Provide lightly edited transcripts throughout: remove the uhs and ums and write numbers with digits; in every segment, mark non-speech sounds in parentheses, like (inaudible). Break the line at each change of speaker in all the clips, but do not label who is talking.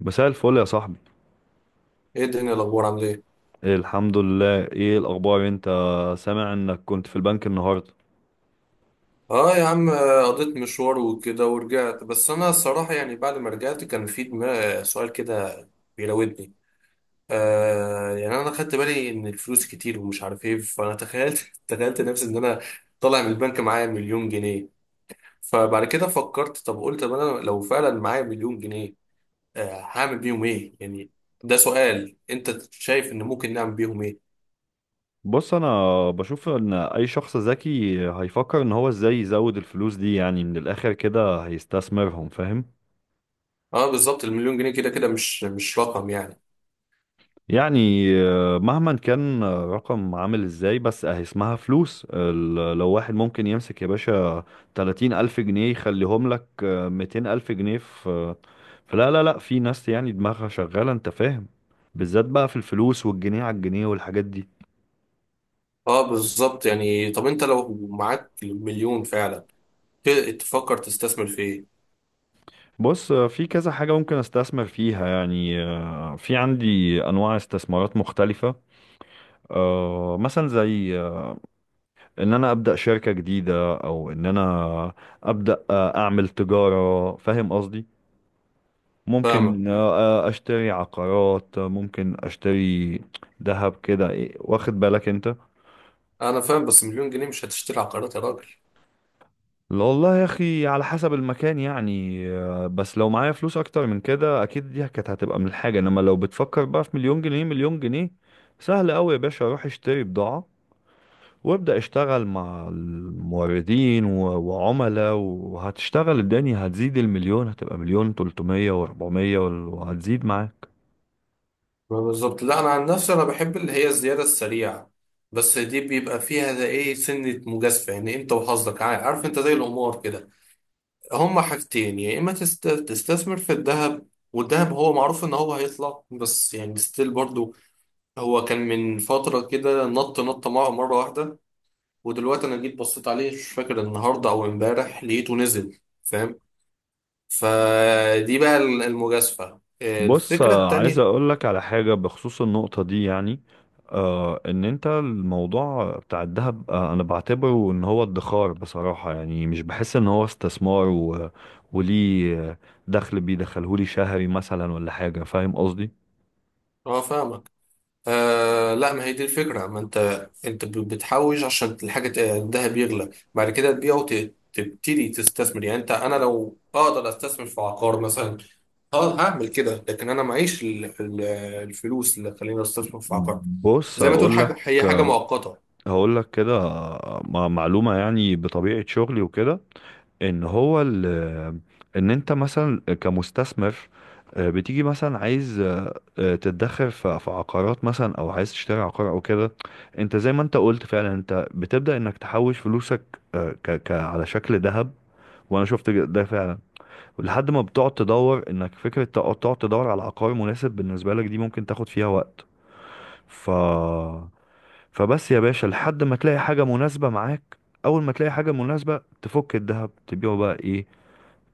مساء الفل يا صاحبي.
ايه الدنيا، الاخبار عامل ايه؟
إيه، الحمد لله. ايه الاخبار انت؟ سامع انك كنت في البنك النهارده.
اه يا عم، قضيت مشوار وكده ورجعت. بس انا الصراحه يعني بعد ما رجعت كان في دماغ سؤال كده بيراودني. يعني انا خدت بالي ان الفلوس كتير ومش عارف ايه، فانا تخيلت (laughs) تخيلت نفسي ان انا طالع من البنك معايا مليون جنيه. فبعد كده فكرت، طب قلت طب انا لو فعلا معايا مليون جنيه، هعمل بيهم ايه يعني؟ ده سؤال، انت شايف ان ممكن نعمل بيهم ايه؟
بص، انا بشوف ان اي شخص ذكي هيفكر ان هو ازاي يزود الفلوس دي، يعني من الاخر كده هيستثمرهم، فاهم؟
اه بالظبط، المليون جنيه كده كده مش رقم يعني.
يعني مهما كان رقم عامل ازاي، بس اهي اسمها فلوس. لو واحد ممكن يمسك يا باشا 30 الف جنيه يخليهم لك 200 الف جنيه في فلا لا لا، في ناس يعني دماغها شغالة، انت فاهم، بالذات بقى في الفلوس والجنيه على الجنيه والحاجات دي.
اه بالظبط، يعني طب انت لو معاك مليون فعلا، ت- تفكر تستثمر في ايه؟
بص في كذا حاجة ممكن استثمر فيها، يعني في عندي انواع استثمارات مختلفة. مثلا زي ان انا ابدا شركة جديدة، او ان انا ابدا اعمل تجارة، فاهم قصدي.
فاهمك.
ممكن اشتري عقارات، ممكن اشتري ذهب كده، واخد بالك انت.
انا فاهم بس مليون جنيه مش هتشتري عقارات يا راجل.
لا والله يا اخي، على حسب المكان، يعني بس لو معايا فلوس اكتر من كده اكيد دي كانت هتبقى من الحاجة، انما لو بتفكر بقى في مليون جنيه، مليون جنيه سهل قوي يا باشا. اروح اشتري بضاعة وابدأ اشتغل مع الموردين وعملاء، وهتشتغل الدنيا، هتزيد المليون هتبقى مليون تلتمية واربعمية وهتزيد معاك.
ما بالظبط، لا انا عن نفسي انا بحب اللي هي الزياده السريعه، بس دي بيبقى فيها ده ايه سنه مجازفه، يعني انت وحظك، عارف، انت زي القمار كده. هما حاجتين، يا اما تستثمر في الذهب، والذهب هو معروف ان هو هيطلع، بس يعني ستيل برضو هو كان من فتره كده نط نط مره واحده، ودلوقتي انا جيت بصيت عليه مش فاكر النهارده او امبارح لقيته نزل، فاهم؟ فدي بقى المجازفة،
بص
الفكرة
عايز
التانية.
اقولك على حاجة بخصوص النقطة دي، يعني آه ان انت الموضوع بتاع الذهب، آه انا بعتبره ان هو ادخار بصراحة، يعني مش بحس ان هو استثمار وليه دخل بيدخلهولي شهري مثلا ولا حاجة، فاهم قصدي.
اه فاهمك. لا، ما هي دي الفكرة، ما انت انت بتحوش، عشان الحاجة الذهب بيغلى بعد كده تبيعه وتبتدي تستثمر. يعني انت انا لو اقدر استثمر في عقار مثلا اه هعمل كده، لكن انا معيش الفلوس اللي تخليني استثمر في عقار.
بص
زي ما تقول حاجة،
اقولك،
هي حاجة مؤقتة.
هقول لك كده معلومة، يعني بطبيعة شغلي وكده، ان هو ال ان انت مثلا كمستثمر، بتيجي مثلا عايز تتدخل في عقارات مثلا، او عايز تشتري عقار او كده. انت زي ما انت قلت فعلا، انت بتبدأ انك تحوش فلوسك ك على شكل ذهب، وانا شفت ده فعلا. ولحد ما بتقعد تدور انك فكرة تقعد تدور على عقار مناسب بالنسبة لك، دي ممكن تاخد فيها وقت. ف فبس يا باشا لحد ما تلاقي حاجة مناسبة معاك، أول ما تلاقي حاجة مناسبة تفك الذهب تبيعه بقى، إيه،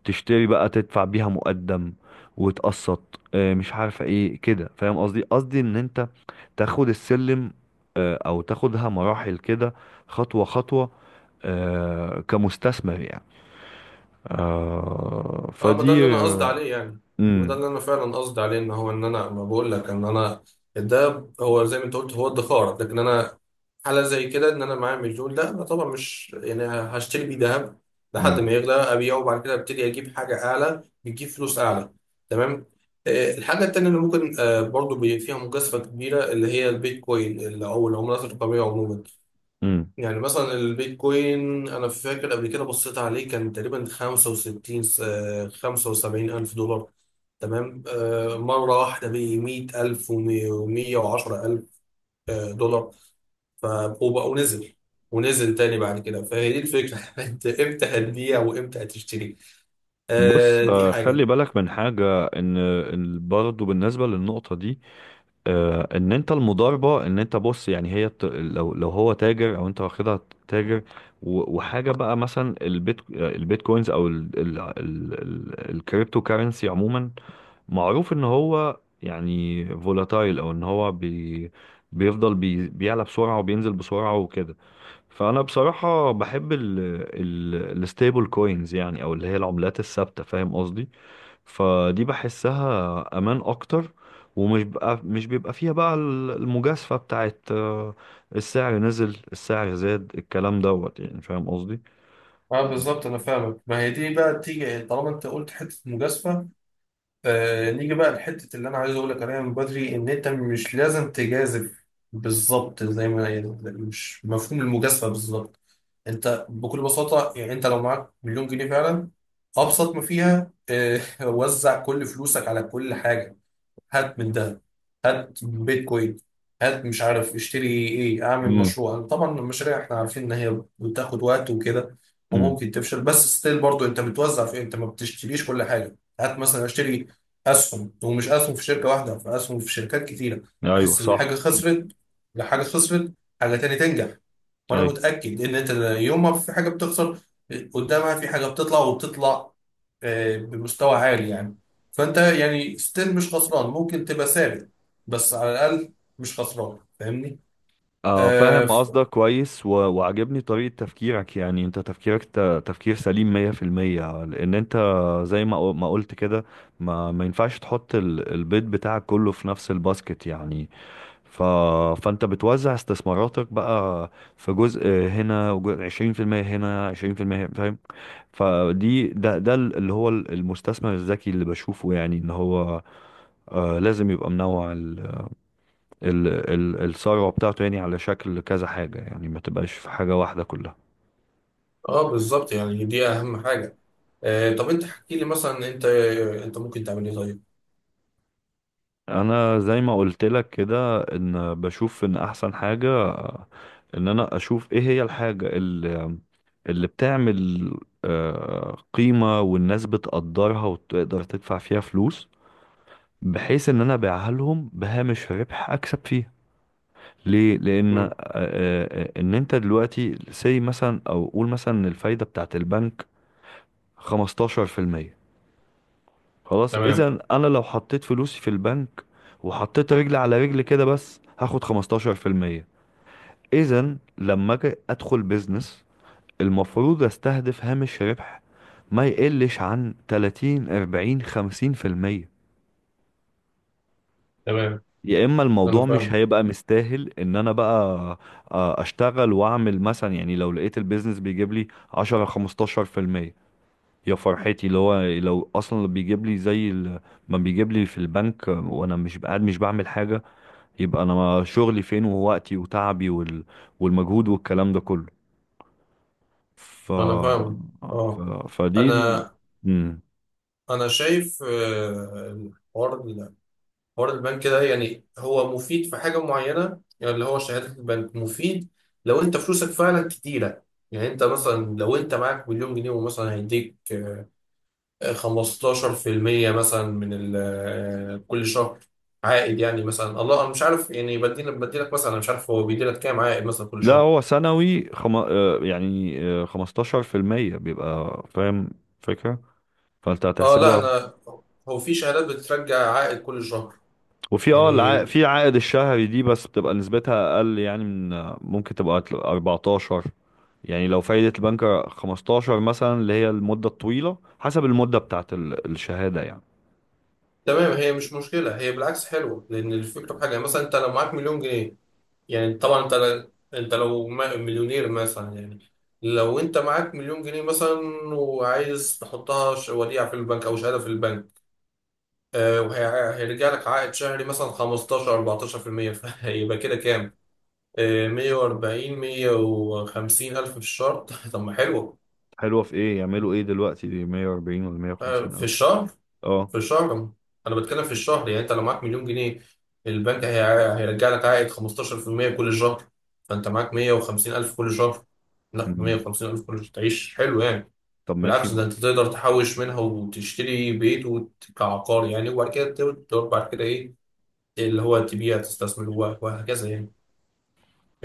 تشتري بقى، تدفع بيها مقدم وتقسط، مش عارفة إيه كده، فاهم قصدي. قصدي إن أنت تاخد السلم، أو تاخدها مراحل كده، خطوة خطوة، كمستثمر يعني،
اه ما ده
فدي
اللي انا قصدي عليه يعني، ما ده
مم.
اللي انا فعلا قصدي عليه، ان هو ان انا ما بقول لك ان انا ده هو زي ما انت قلت هو ادخار، لكن انا حالة زي كده ان انا معايا مليون ده انا طبعا مش يعني هشتري بيه ذهب لحد
مم.
ما يغلى ابيعه وبعد كده ابتدي اجيب حاجة اعلى بتجيب فلوس اعلى. تمام. الحاجة التانية اللي ممكن برضو فيها مجازفة كبيرة اللي هي البيتكوين، او العملات الرقمية عموما.
مم.
يعني مثلا البيتكوين، انا فاكر قبل كده بصيت عليه كان تقريبا 65 75 الف دولار. تمام، مره واحده ب 100 الف و110 الف دولار، ف- وبقى ونزل، ونزل تاني بعد كده. فهي دي الفكره، (laughs) انت امتى هتبيع وامتى هتشتري؟
بص
دي حاجه.
خلي بالك من حاجة، إن برضه بالنسبة للنقطة دي، ان انت المضاربه، ان انت بص يعني هي لو هو تاجر او انت واخدها تاجر، وحاجه بقى مثلا البيت البيتكوينز او الكريبتو كارنسي عموما، معروف ان هو يعني فولاتايل او ان هو بيفضل بيعلى بسرعه وبينزل بسرعه وكده. فانا بصراحه بحب الستيبل كوينز، يعني او اللي هي العملات الثابته، فاهم قصدي. فدي بحسها امان اكتر، ومش بقى مش بيبقى فيها بقى المجازفة بتاعت السعر نزل السعر زاد الكلام دوت، يعني فاهم قصدي.
اه بالظبط، انا فاهمك، ما هي دي بقى تيجي طالما انت قلت حته مجازفه. نيجي بقى لحتة اللي أنا عايز أقول لك عليها من بدري، إن أنت مش لازم تجازف. بالظبط زي ما يعني، مش مفهوم المجازفة بالظبط. أنت بكل بساطة، يعني أنت لو معاك مليون جنيه فعلا، أبسط ما فيها (laughs) وزع كل فلوسك على كل حاجة. هات من ده، هات بيتكوين، هات مش عارف اشتري ايه، اعمل
امم.
مشروع. طبعا المشاريع احنا عارفين ان هي بتاخد وقت وكده
امم.
وممكن تفشل، بس ستيل برضو انت بتوزع في إيه؟ انت ما بتشتريش كل حاجه، هات مثلا اشتري اسهم، ومش اسهم في شركه واحده، في اسهم في شركات كتيره.
ايوه
بحس ان حاجه
صح.
خسرت، لحاجه خسرت حاجه تاني تنجح. وانا
ايوه.
متاكد ان انت يوم ما في حاجه بتخسر قدامها في حاجه بتطلع وبتطلع بمستوى عالي يعني. فانت يعني ستيل مش خسران، ممكن تبقى ثابت، بس على الاقل مش خسران، فاهمني؟
آه
اه
فاهم
ف-
قصدك كويس، وعجبني طريقة تفكيرك، يعني انت تفكيرك تفكير سليم 100%، لان انت زي ما ما قلت كده، ما ينفعش تحط البيض بتاعك كله في نفس الباسكت، يعني ف... فانت بتوزع استثماراتك بقى، في جزء هنا، وجزء 20% هنا، 20% هنا، 20%، فاهم. فدي ده اللي هو المستثمر الذكي اللي بشوفه، يعني ان هو آه لازم يبقى منوع ال... الثروة بتاعته، يعني على شكل كذا حاجة، يعني ما تبقاش في حاجة واحدة كلها.
آه، بالظبط يعني دي اهم حاجه. طب انت احكي لي مثلا انت، ممكن تعمل ايه طيب؟
انا زي ما قلت لك كده ان بشوف ان احسن حاجة ان انا اشوف ايه هي الحاجة اللي بتعمل قيمة، والناس بتقدرها وتقدر تدفع فيها فلوس، بحيث ان انا ابيعها لهم بهامش ربح اكسب فيها. ليه؟ لان
مم.
ان انت دلوقتي سي مثلا، او قول مثلا ان الفايدة بتاعت البنك 15%. خلاص،
تمام.
اذا انا لو حطيت فلوسي في البنك وحطيت رجل على رجل كده بس هاخد 15%. اذا لما اجي ادخل بيزنس المفروض استهدف هامش ربح ما يقلش عن 30 40 50%،
تمام.
يا اما
انا
الموضوع مش
فاهم.
هيبقى مستاهل ان انا بقى اشتغل واعمل. مثلا يعني لو لقيت البيزنس بيجيب لي 10 15%، يا فرحتي! اللي هو لو اصلا بيجيب لي زي ما بيجيب لي في البنك وانا مش قاعد مش بعمل حاجه، يبقى انا شغلي فين، ووقتي، وتعبي، والمجهود والكلام ده كله. ف,
انا فاهم.
ف...
اه
فدي
انا
مم.
انا شايف الحوار، حوار البنك ده، يعني هو مفيد في حاجة معينة، يعني اللي هو شهادة البنك مفيد لو انت فلوسك فعلا كتيرة. يعني انت مثلا لو انت معاك مليون جنيه ومثلا هيديك 15% مثلا من كل شهر عائد. يعني مثلا الله انا مش عارف، يعني بديلك، مثلا انا مش عارف هو بيديلك كام عائد مثلا كل
لا،
شهر.
هو سنوي يعني 15% بيبقى، فاهم فكره. فانت
اه لا،
هتحسبها.
انا هو في شهادات بترجع عائد كل شهر يعني.
في عائد الشهري دي بس بتبقى نسبتها اقل يعني من، ممكن تبقى 14. يعني لو فايدة البنك 15 مثلا، اللي هي المدة الطويلة حسب المدة بتاعت الشهادة يعني.
تمام، هي مش مشكلة، هي بالعكس حلوة، لأن الفكرة في حاجة، مثلا أنت لو معاك مليون جنيه، يعني طبعا انت، لو مليونير مثلا يعني، لو انت معاك مليون جنيه مثلا وعايز تحطها وديعة في البنك او شهادة في البنك، وهيرجع لك عائد شهري مثلا 15 14%، فيبقى (laughs) كده كام؟ 140 150 الف في الشهر. (laughs) طب ما حلو.
حلوة في ايه يعملوا ايه دلوقتي دي 140 ولا 150
في
الف؟
الشهر،
اه.
في الشهر، انا بتكلم في الشهر. يعني انت لو معاك مليون جنيه البنك هيرجع لك عائد 15% كل شهر، فانت معاك 150 الف كل شهر. لا،
مم.
150 الف كل شهر تعيش حلو يعني.
طب ماشي.
بالعكس، ده انت تقدر تحوش منها وتشتري بيت كعقار يعني، وبعد كده تقدر بعد كده ايه، اللي هو تبيع، تستثمر وهكذا يعني.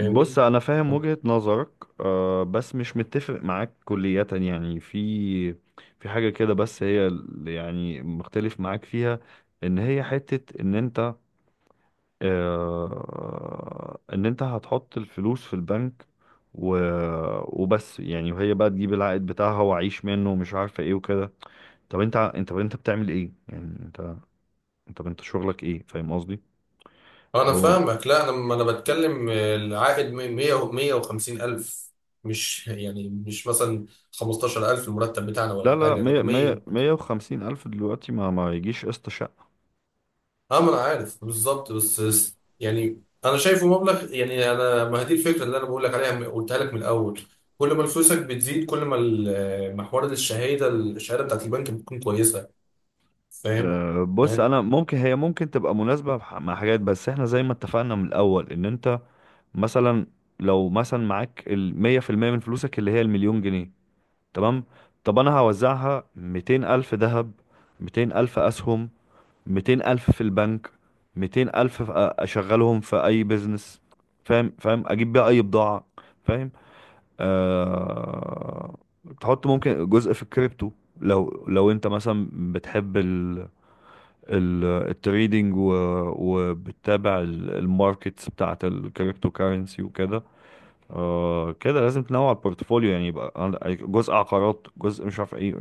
بص انا فاهم وجهة نظرك، آه بس مش متفق معاك كلية، يعني في حاجة كده بس هي اللي يعني مختلف معاك فيها، ان هي حتة ان انت ان انت هتحط الفلوس في البنك و... وبس، يعني وهي بقى تجيب العائد بتاعها واعيش منه ومش عارفه ايه وكده. طب انت بتعمل ايه؟ يعني انت انت شغلك ايه؟ فاهم قصدي.
انا
اللي هو
فاهمك. لا انا ما انا بتكلم العائد 100 150 الف، مش يعني مش مثلا 15000 الف المرتب بتاعنا
لا
ولا
لا،
حاجه، لا
مية مية،
100.
150 الف دلوقتي ما ما يجيش قسط شقه.
اه ما انا عارف بالظبط، بس يعني انا شايفه مبلغ يعني. انا ما هي دي الفكره اللي انا بقول لك عليها، قلتها لك من الاول. كل ما فلوسك بتزيد كل ما محور الشهاده، بتاعت البنك بتكون كويسه، فاهم
بص
يعني؟
انا ممكن هي ممكن تبقى مناسبه مع حاجات، بس احنا زي ما اتفقنا من الاول ان انت مثلا لو مثلا معاك 100% من فلوسك اللي هي المليون جنيه، تمام. طب انا هوزعها: 200 الف ذهب، 200 الف اسهم، 200 الف في البنك، 200 الف اشغلهم في اي بيزنس، فاهم. فاهم، اجيب بيها اي بضاعة، فاهم. آه... تحط ممكن جزء في الكريبتو، لو انت مثلا بتحب ال... التريدينج وبتتابع الماركتس بتاعت الكريبتو كارنسي وكده. آه كده لازم تنوع البورتفوليو، يعني يبقى يعني جزء عقارات، جزء مش عارف ايه،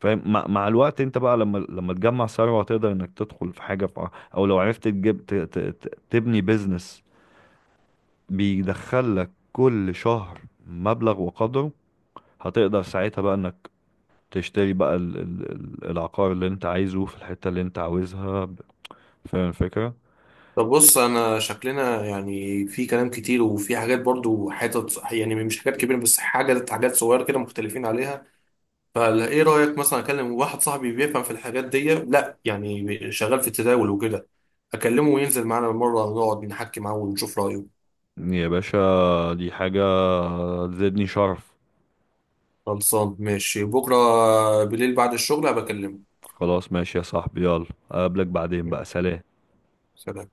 فاهم. مع الوقت انت بقى، لما تجمع ثروة، تقدر انك تدخل في حاجة في او لو عرفت تجيب تبني بيزنس بيدخل لك كل شهر مبلغ وقدره. هتقدر ساعتها بقى انك تشتري بقى العقار اللي انت عايزه في الحتة اللي انت عاوزها، فاهم الفكرة.
طب بص انا شكلنا يعني في كلام كتير وفي حاجات برضو حتت يعني مش حاجات كبيره بس حاجات، صغيره كده مختلفين عليها. فايه رايك مثلا اكلم واحد صاحبي بيفهم في الحاجات دي، لا يعني شغال في التداول وكده، اكلمه وينزل معانا مره نقعد نحكي معاه ونشوف رايه.
يا باشا دي حاجة تزيدني شرف.
خلصان ماشي، بكره بالليل بعد الشغل هبكلمه.
خلاص ماشي يا صاحبي، يلا اقابلك بعدين بقى، سلام.
سلام.